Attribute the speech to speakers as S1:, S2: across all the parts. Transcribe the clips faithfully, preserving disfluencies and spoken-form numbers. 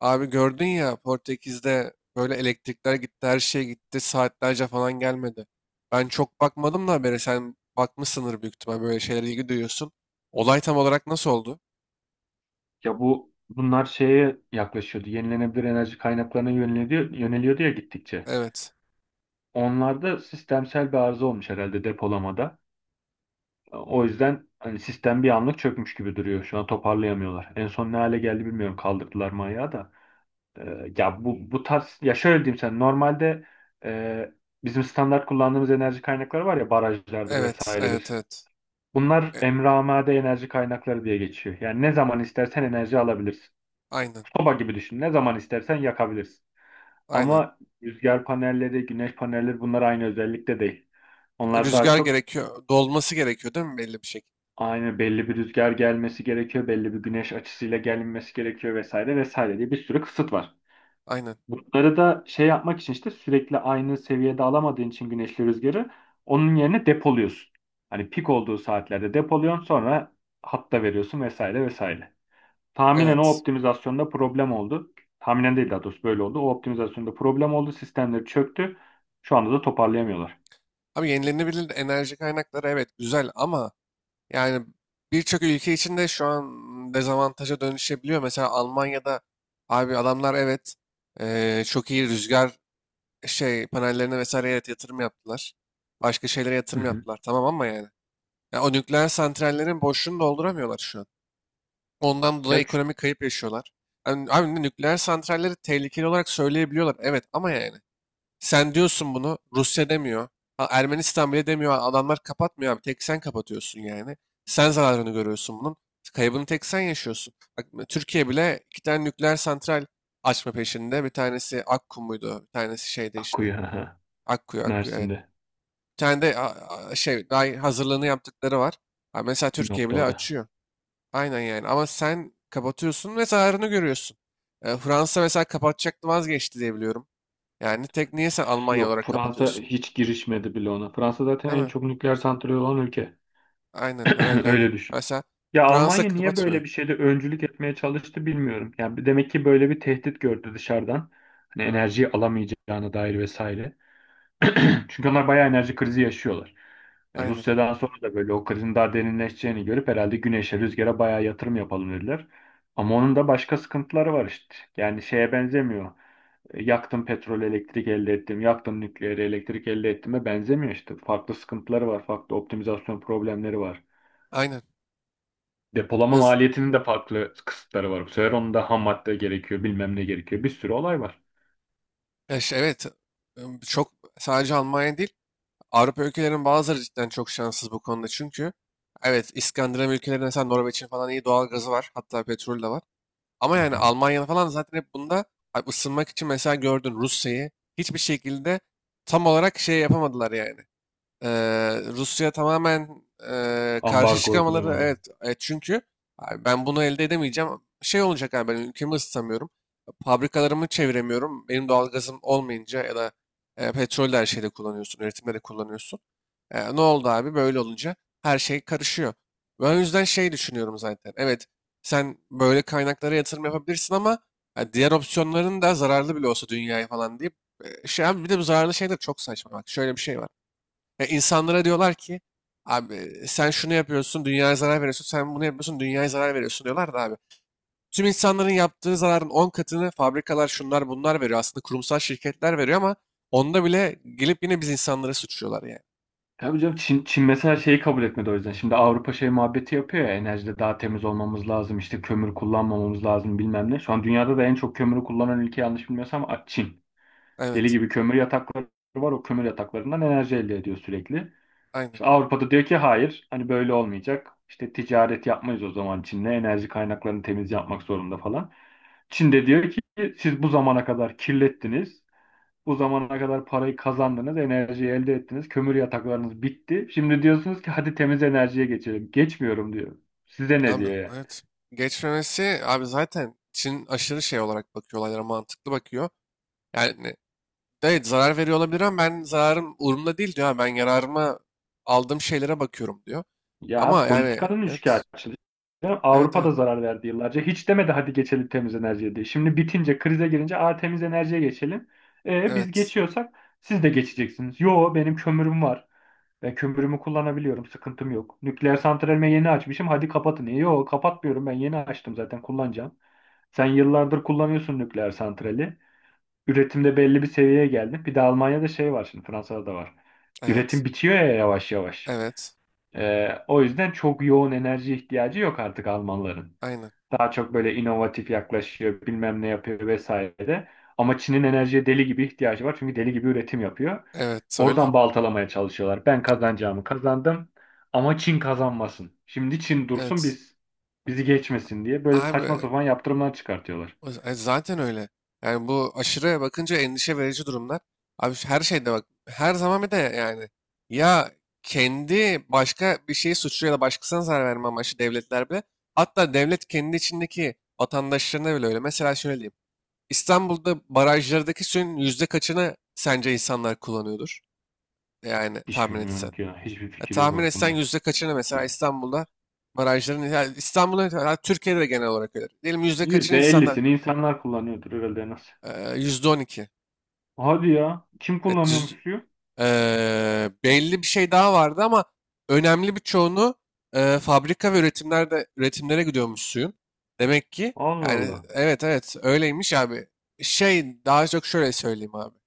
S1: Abi gördün ya, Portekiz'de böyle elektrikler gitti, her şey gitti, saatlerce falan gelmedi. Ben çok bakmadım da habere, sen bakmışsındır büyük ihtimal, böyle şeylere ilgi duyuyorsun. Olay tam olarak nasıl oldu?
S2: Ya bu bunlar şeye yaklaşıyordu. Yenilenebilir enerji kaynaklarına yöneliyordu, yöneliyordu ya gittikçe.
S1: Evet,
S2: Onlarda sistemsel bir arıza olmuş herhalde depolamada. O yüzden hani sistem bir anlık çökmüş gibi duruyor. Şu an toparlayamıyorlar. En son ne hale geldi bilmiyorum. Kaldırdılar mı ayağı da. Ee, ya bu bu tarz ya şöyle diyeyim sen normalde e, bizim standart kullandığımız enerji kaynakları var ya barajlardır
S1: evet, evet,
S2: vesairedir.
S1: evet.
S2: Bunlar
S1: E,
S2: emre amade enerji kaynakları diye geçiyor. Yani ne zaman istersen enerji alabilirsin.
S1: aynen,
S2: Soba gibi düşün. Ne zaman istersen yakabilirsin.
S1: aynen.
S2: Ama rüzgar panelleri, güneş panelleri bunlar aynı özellikte değil. Onlar daha
S1: Rüzgar
S2: çok
S1: gerekiyor, dolması gerekiyor değil mi belli bir şekilde?
S2: aynı belli bir rüzgar gelmesi gerekiyor, belli bir güneş açısıyla gelinmesi gerekiyor vesaire vesaire diye bir sürü kısıt var.
S1: Aynen,
S2: Bunları da şey yapmak için işte sürekli aynı seviyede alamadığın için güneşli rüzgarı onun yerine depoluyorsun. Hani pik olduğu saatlerde depoluyorsun sonra hatta veriyorsun vesaire vesaire. Tahminen o
S1: evet.
S2: optimizasyonda problem oldu. Tahminen değil daha doğrusu böyle oldu. O optimizasyonda problem oldu. Sistemleri çöktü. Şu anda da toparlayamıyorlar.
S1: Abi, yenilenebilir enerji kaynakları, evet, güzel ama yani birçok ülke için de şu an dezavantaja dönüşebiliyor. Mesela Almanya'da, abi, adamlar evet, eee, çok iyi rüzgar şey panellerine vesaire, evet, yatırım yaptılar. Başka şeylere
S2: Hı
S1: yatırım
S2: hı.
S1: yaptılar. Tamam ama yani. Ya o nükleer santrallerin boşluğunu dolduramıyorlar şu an. Ondan
S2: Ya
S1: dolayı
S2: ç-
S1: ekonomik kayıp yaşıyorlar. Yani, abi, nükleer santralleri tehlikeli olarak söyleyebiliyorlar. Evet ama yani. Sen diyorsun bunu. Rusya demiyor. Ha, Ermenistan bile demiyor. Adamlar kapatmıyor abi. Tek sen kapatıyorsun yani. Sen zararını görüyorsun bunun. Kaybını tek sen yaşıyorsun. Bak, Türkiye bile iki tane nükleer santral açma peşinde. Bir tanesi Akku muydu? Bir tanesi şeyde işte.
S2: akıyor
S1: Akkuyu, Akkuyu evet.
S2: Mersin'de.
S1: Bir tane de a- a- şey daha, hazırlığını yaptıkları var. Ha, mesela Türkiye
S2: Sinop'ta
S1: bile
S2: o da.
S1: açıyor. Aynen yani. Ama sen kapatıyorsun ve zararını görüyorsun. E, Fransa mesela kapatacaktı, vazgeçti diye biliyorum. Yani tek niye sen Almanya
S2: Yok
S1: olarak
S2: Fransa
S1: kapatıyorsun?
S2: hiç girişmedi bile ona. Fransa zaten
S1: Değil
S2: en
S1: mi?
S2: çok nükleer santrali olan ülke.
S1: Aynen, herhalde öyle.
S2: Öyle düşün.
S1: Mesela
S2: Ya
S1: Fransa
S2: Almanya niye
S1: kapatmıyor.
S2: böyle bir şeyde öncülük etmeye çalıştı bilmiyorum. Yani bir- demek ki böyle bir tehdit gördü dışarıdan. Hani enerjiyi alamayacağına dair vesaire. Çünkü onlar bayağı enerji krizi yaşıyorlar. Yani
S1: Aynen.
S2: Rusya'dan sonra da böyle o krizin daha derinleşeceğini görüp herhalde güneşe, rüzgara bayağı yatırım yapalım dediler. Ama onun da başka sıkıntıları var işte. Yani şeye benzemiyor. E, Yaktım petrol, elektrik elde ettim. Yaktım nükleer, elektrik elde ettiğime benzemiyor işte. Farklı sıkıntıları var, farklı optimizasyon problemleri var.
S1: Aynen.
S2: Depolama
S1: Yaz-
S2: maliyetinin de farklı kısıtları var. Bu sefer onun da ham madde gerekiyor, bilmem ne gerekiyor. Bir sürü olay var.
S1: ya şey, evet. Im, Çok, sadece Almanya değil. Avrupa ülkelerinin bazıları cidden çok şanssız bu konuda. Çünkü evet, İskandinav ülkelerinde mesela Norveç'in falan iyi doğal gazı var. Hatta petrol de var. Ama
S2: Hı
S1: yani
S2: hı.
S1: Almanya falan zaten hep bunda, hani ısınmak için mesela, gördün Rusya'yı, hiçbir şekilde tam olarak şey yapamadılar yani. Eee, Rusya tamamen, eee, karşı
S2: Ambargo
S1: çıkamaları,
S2: uygulayamadı.
S1: evet, evet, çünkü abi ben bunu elde edemeyeceğim. Şey olacak, abi ben ülkemi ısıtamıyorum. Fabrikalarımı çeviremiyorum. Benim doğalgazım olmayınca ya da e, petrol de her şeyde kullanıyorsun. Üretimde de kullanıyorsun. E, ne oldu abi, böyle olunca her şey karışıyor. Ben o yüzden şey düşünüyorum zaten. Evet, sen böyle kaynaklara yatırım yapabilirsin ama, ha, diğer opsiyonların da zararlı bile olsa dünyaya falan deyip, e, şey abi, bir de bu zararlı şeyler çok saçma. Bak, şöyle bir şey var. Ya, insanlara diyorlar ki abi sen şunu yapıyorsun dünyaya zarar veriyorsun, sen bunu yapıyorsun dünyaya zarar veriyorsun diyorlar da abi. Tüm insanların yaptığı zararın on katını fabrikalar, şunlar bunlar veriyor. Aslında kurumsal şirketler veriyor ama onda bile gelip yine biz insanları suçluyorlar yani.
S2: Tabii canım Çin, Çin mesela şeyi kabul etmedi o yüzden. Şimdi Avrupa şey muhabbeti yapıyor ya enerjide daha temiz olmamız lazım işte kömür kullanmamamız lazım bilmem ne. Şu an dünyada da en çok kömürü kullanan ülke yanlış bilmiyorsam A- Çin. Deli
S1: Evet.
S2: gibi kömür yatakları var o kömür yataklarından enerji elde ediyor sürekli.
S1: Aynen.
S2: İşte Avrupa'da diyor ki hayır hani böyle olmayacak. İşte ticaret yapmayız o zaman Çin'le enerji kaynaklarını temiz yapmak zorunda falan. Çin de diyor ki siz bu zamana kadar kirlettiniz. Bu zamana kadar parayı kazandınız, enerjiyi elde ettiniz, kömür yataklarınız bitti. Şimdi diyorsunuz ki hadi temiz enerjiye geçelim. Geçmiyorum diyor. Size ne
S1: Abi
S2: diyor yani?
S1: evet. Geçmemesi abi, zaten Çin aşırı şey olarak bakıyor olaylara, mantıklı bakıyor. Yani evet, zarar veriyor olabilir ama ben zararım umurumda değil diyor. "Ha, ben yararıma aldığım şeylere bakıyorum" diyor.
S2: Ya
S1: Ama yani
S2: politikanın
S1: evet.
S2: üçkağıtçılığı.
S1: Evet, evet,
S2: Avrupa'da zarar verdi yıllarca. Hiç demedi hadi geçelim temiz enerjiye diye. Şimdi bitince, krize girince a temiz enerjiye geçelim. E, biz
S1: evet,
S2: geçiyorsak siz de geçeceksiniz. Yo benim kömürüm var. Ben kömürümü kullanabiliyorum. Sıkıntım yok. Nükleer santralimi yeni açmışım. Hadi kapatın. E, Yo kapatmıyorum. Ben yeni açtım zaten kullanacağım. Sen yıllardır kullanıyorsun nükleer santrali. Üretimde belli bir seviyeye geldin. Bir de Almanya'da şey var şimdi Fransa'da da var.
S1: evet,
S2: Üretim bitiyor ya yavaş yavaş.
S1: evet,
S2: Ee, o yüzden çok yoğun enerji ihtiyacı yok artık Almanların.
S1: aynen,
S2: Daha çok böyle inovatif yaklaşıyor, bilmem ne yapıyor vesaire. Ama Çin'in enerjiye deli gibi ihtiyacı var. Çünkü deli gibi üretim yapıyor.
S1: evet, öyle,
S2: Oradan baltalamaya çalışıyorlar. Ben kazanacağımı kazandım ama Çin kazanmasın. Şimdi Çin dursun
S1: evet,
S2: biz bizi geçmesin diye böyle
S1: abi,
S2: saçma sapan yaptırımlar çıkartıyorlar.
S1: o- e, zaten öyle yani. Bu aşırıya bakınca endişe verici durumlar, abi, şu- her şeyde bak, her zaman bir de yani, ya, kendi başka bir şeyi suçlu ya da başkasına zarar verme amaçlı devletler bile, hatta devlet kendi içindeki vatandaşlarına bile öyle. Mesela şöyle diyeyim: İstanbul'da barajlardaki suyun yüzde kaçını sence insanlar kullanıyordur, yani
S2: Hiç
S1: tahmin
S2: bilmiyorum
S1: etsen?
S2: ki ya. Hiçbir
S1: Ya
S2: fikir
S1: tahmin
S2: yok
S1: etsen
S2: aklımda.
S1: yüzde kaçını mesela, İstanbul'da barajların, ya İstanbul'da, ya Türkiye'de de genel olarak öyle. Diyelim yüzde kaçını insanlar,
S2: yüzde ellisini insanlar kullanıyordur herhalde nasıl?
S1: eee, yüzde on iki.
S2: Hadi ya. Kim
S1: Evet,
S2: kullanıyormuş
S1: yüz-
S2: suyu?
S1: eee, belli bir şey daha vardı ama, önemli bir çoğunu eee, fabrika ve üretimlerde, üretimlere gidiyormuş suyun. Demek ki,
S2: Allah
S1: yani,
S2: Allah.
S1: evet, evet öyleymiş abi. Şey, daha çok şöyle söyleyeyim abi.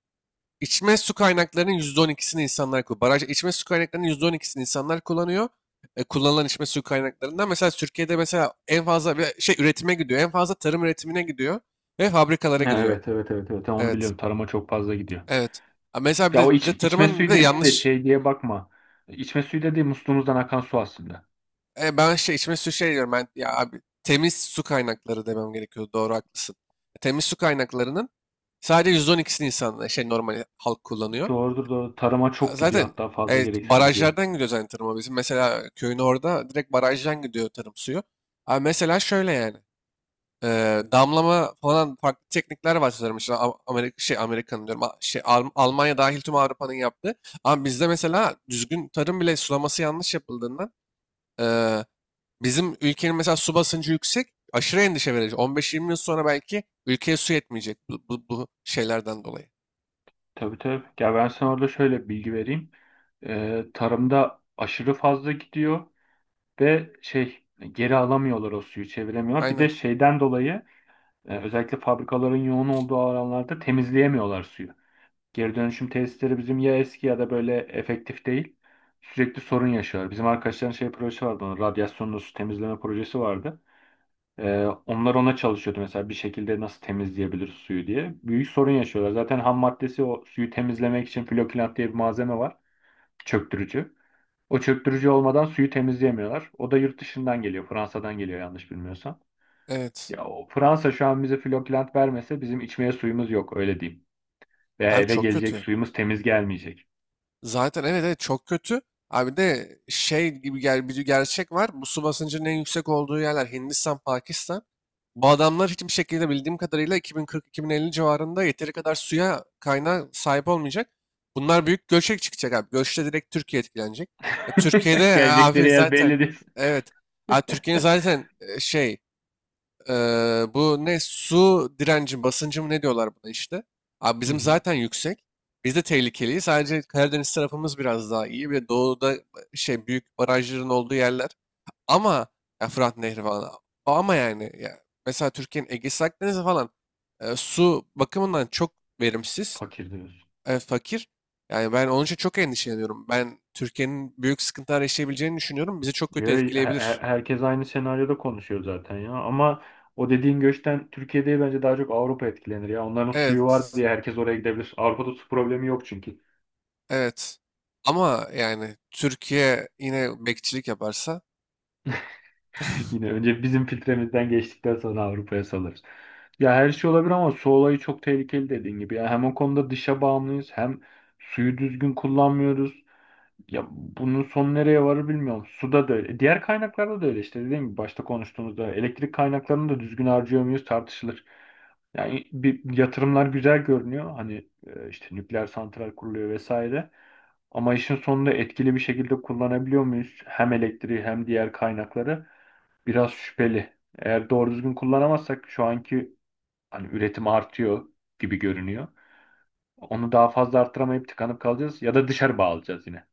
S1: İçme su kaynaklarının yüzde on ikisini insanlar kullanıyor. Baraj içme su kaynaklarının yüzde on ikisini insanlar kullanıyor. E, kullanılan içme su kaynaklarından mesela Türkiye'de, mesela en fazla bir şey üretime gidiyor. En fazla tarım üretimine gidiyor ve fabrikalara
S2: Ha,
S1: gidiyor.
S2: evet, evet, evet, evet. Ha, onu
S1: Evet.
S2: biliyorum. Tarıma çok fazla gidiyor.
S1: Evet. Ha, mesela bir de,
S2: Ya o
S1: bir
S2: iç,
S1: de
S2: içme
S1: tarımın bir
S2: suyu
S1: de
S2: dediğim de
S1: yanlış.
S2: şey diye bakma. İçme suyu dediğim musluğumuzdan akan su aslında.
S1: E, ben şey içme su şey diyorum, ben ya abi temiz su kaynakları demem gerekiyor. Doğru, haklısın. Temiz su kaynaklarının sadece yüzde on ikisini insanlar şey, normal halk kullanıyor.
S2: Doğrudur doğru. Tarıma
S1: A,
S2: çok gidiyor
S1: Zaten
S2: hatta fazla
S1: evet,
S2: gereksiz gidiyor.
S1: barajlardan gidiyor zaten tarıma bizim. Mesela köyün orada direkt barajdan gidiyor tarım suyu. Abi mesela şöyle yani. e, Damlama falan farklı teknikler var sanırım. İşte Amerika, şey Amerika'nın diyorum. A- Şey, Al- Almanya dahil tüm Avrupa'nın yaptığı. Ama bizde mesela düzgün tarım bile sulaması yanlış yapıldığından, e, bizim ülkenin mesela su basıncı yüksek. Aşırı endişe verici. on beş yirmi yıl sonra belki ülkeye su yetmeyecek, bu, bu, bu şeylerden dolayı.
S2: Tabii tabii. Ya ben sana orada şöyle bilgi vereyim. Ee, tarımda aşırı fazla gidiyor. De şey e, geri alamıyorlar o suyu çeviremiyorlar. Bir de
S1: Aynen.
S2: şeyden dolayı e, özellikle fabrikaların yoğun olduğu alanlarda temizleyemiyorlar suyu. Geri dönüşüm tesisleri bizim ya eski ya da böyle efektif değil. Sürekli sorun yaşıyorlar. Bizim arkadaşların şey projesi vardı. Onun radyasyonlu su temizleme projesi vardı. E, onlar ona çalışıyordu mesela bir şekilde nasıl temizleyebiliriz suyu diye. Büyük sorun yaşıyorlar. Zaten ham maddesi o suyu temizlemek için flokilant diye bir malzeme var. Çöktürücü. O çöktürücü olmadan suyu temizleyemiyorlar. O da yurt dışından geliyor. Fransa'dan geliyor yanlış bilmiyorsam.
S1: Evet.
S2: Ya o Fransa şu an bize Flokland vermese bizim içmeye suyumuz yok öyle diyeyim. Veya
S1: Abi
S2: eve
S1: çok
S2: gelecek
S1: kötü.
S2: suyumuz temiz gelmeyecek.
S1: Zaten evet, evet çok kötü. Abi de şey gibi, gel bir gerçek var. Bu su basıncının en yüksek olduğu yerler Hindistan, Pakistan. Bu adamlar hiçbir şekilde bildiğim kadarıyla iki bin kırk-iki bin elli civarında yeteri kadar suya kaynağı sahip olmayacak. Bunlar büyük göçe çıkacak abi. Göçte direkt Türkiye etkilenecek. E, Türkiye'de e,
S2: Gelecekleri
S1: abi
S2: yer
S1: zaten
S2: belli değil.
S1: evet. Abi Türkiye'nin zaten e, şey Eee, bu ne, su direnci basıncı mı ne diyorlar buna işte. Abi
S2: Hı
S1: bizim
S2: hı.
S1: zaten yüksek. Biz de tehlikeliyiz. Sadece Karadeniz tarafımız biraz daha iyi ve doğuda, şey, büyük barajların olduğu yerler. Ama ya, Fırat Nehri falan. Ama yani ya, mesela Türkiye'nin Ege'si Akdeniz'i falan, e, su bakımından çok verimsiz,
S2: Fakir diyorsun.
S1: e, fakir. Yani ben onun için çok endişeleniyorum. Ben Türkiye'nin büyük sıkıntılar yaşayabileceğini düşünüyorum. Bizi çok kötü
S2: Yo, he- he-
S1: etkileyebilir.
S2: herkes aynı senaryoda konuşuyor zaten ya. Ama o dediğin göçten Türkiye'de bence daha çok Avrupa etkilenir ya. Onların suyu var
S1: Evet.
S2: diye herkes oraya gidebilir. Avrupa'da su problemi yok çünkü.
S1: Evet. Ama yani Türkiye yine bekçilik yaparsa
S2: Yine önce bizim filtremizden geçtikten sonra Avrupa'ya salarız. Ya her şey olabilir ama su olayı çok tehlikeli dediğin gibi. Ya hem o konuda dışa bağımlıyız hem suyu düzgün kullanmıyoruz. Ya bunun son nereye varır bilmiyorum. Suda da öyle. Diğer kaynaklarda da öyle işte dediğim gibi başta konuştuğumuzda elektrik kaynaklarını da düzgün harcıyor muyuz tartışılır. Yani bir yatırımlar güzel görünüyor. Hani e, işte nükleer santral kuruluyor vesaire. Ama işin sonunda etkili bir şekilde kullanabiliyor muyuz? Hem elektriği hem diğer kaynakları biraz şüpheli. Eğer doğru düzgün kullanamazsak şu anki hani üretim artıyor gibi görünüyor. Onu daha fazla arttıramayıp tıkanıp kalacağız ya da dışarı bağlayacağız yine.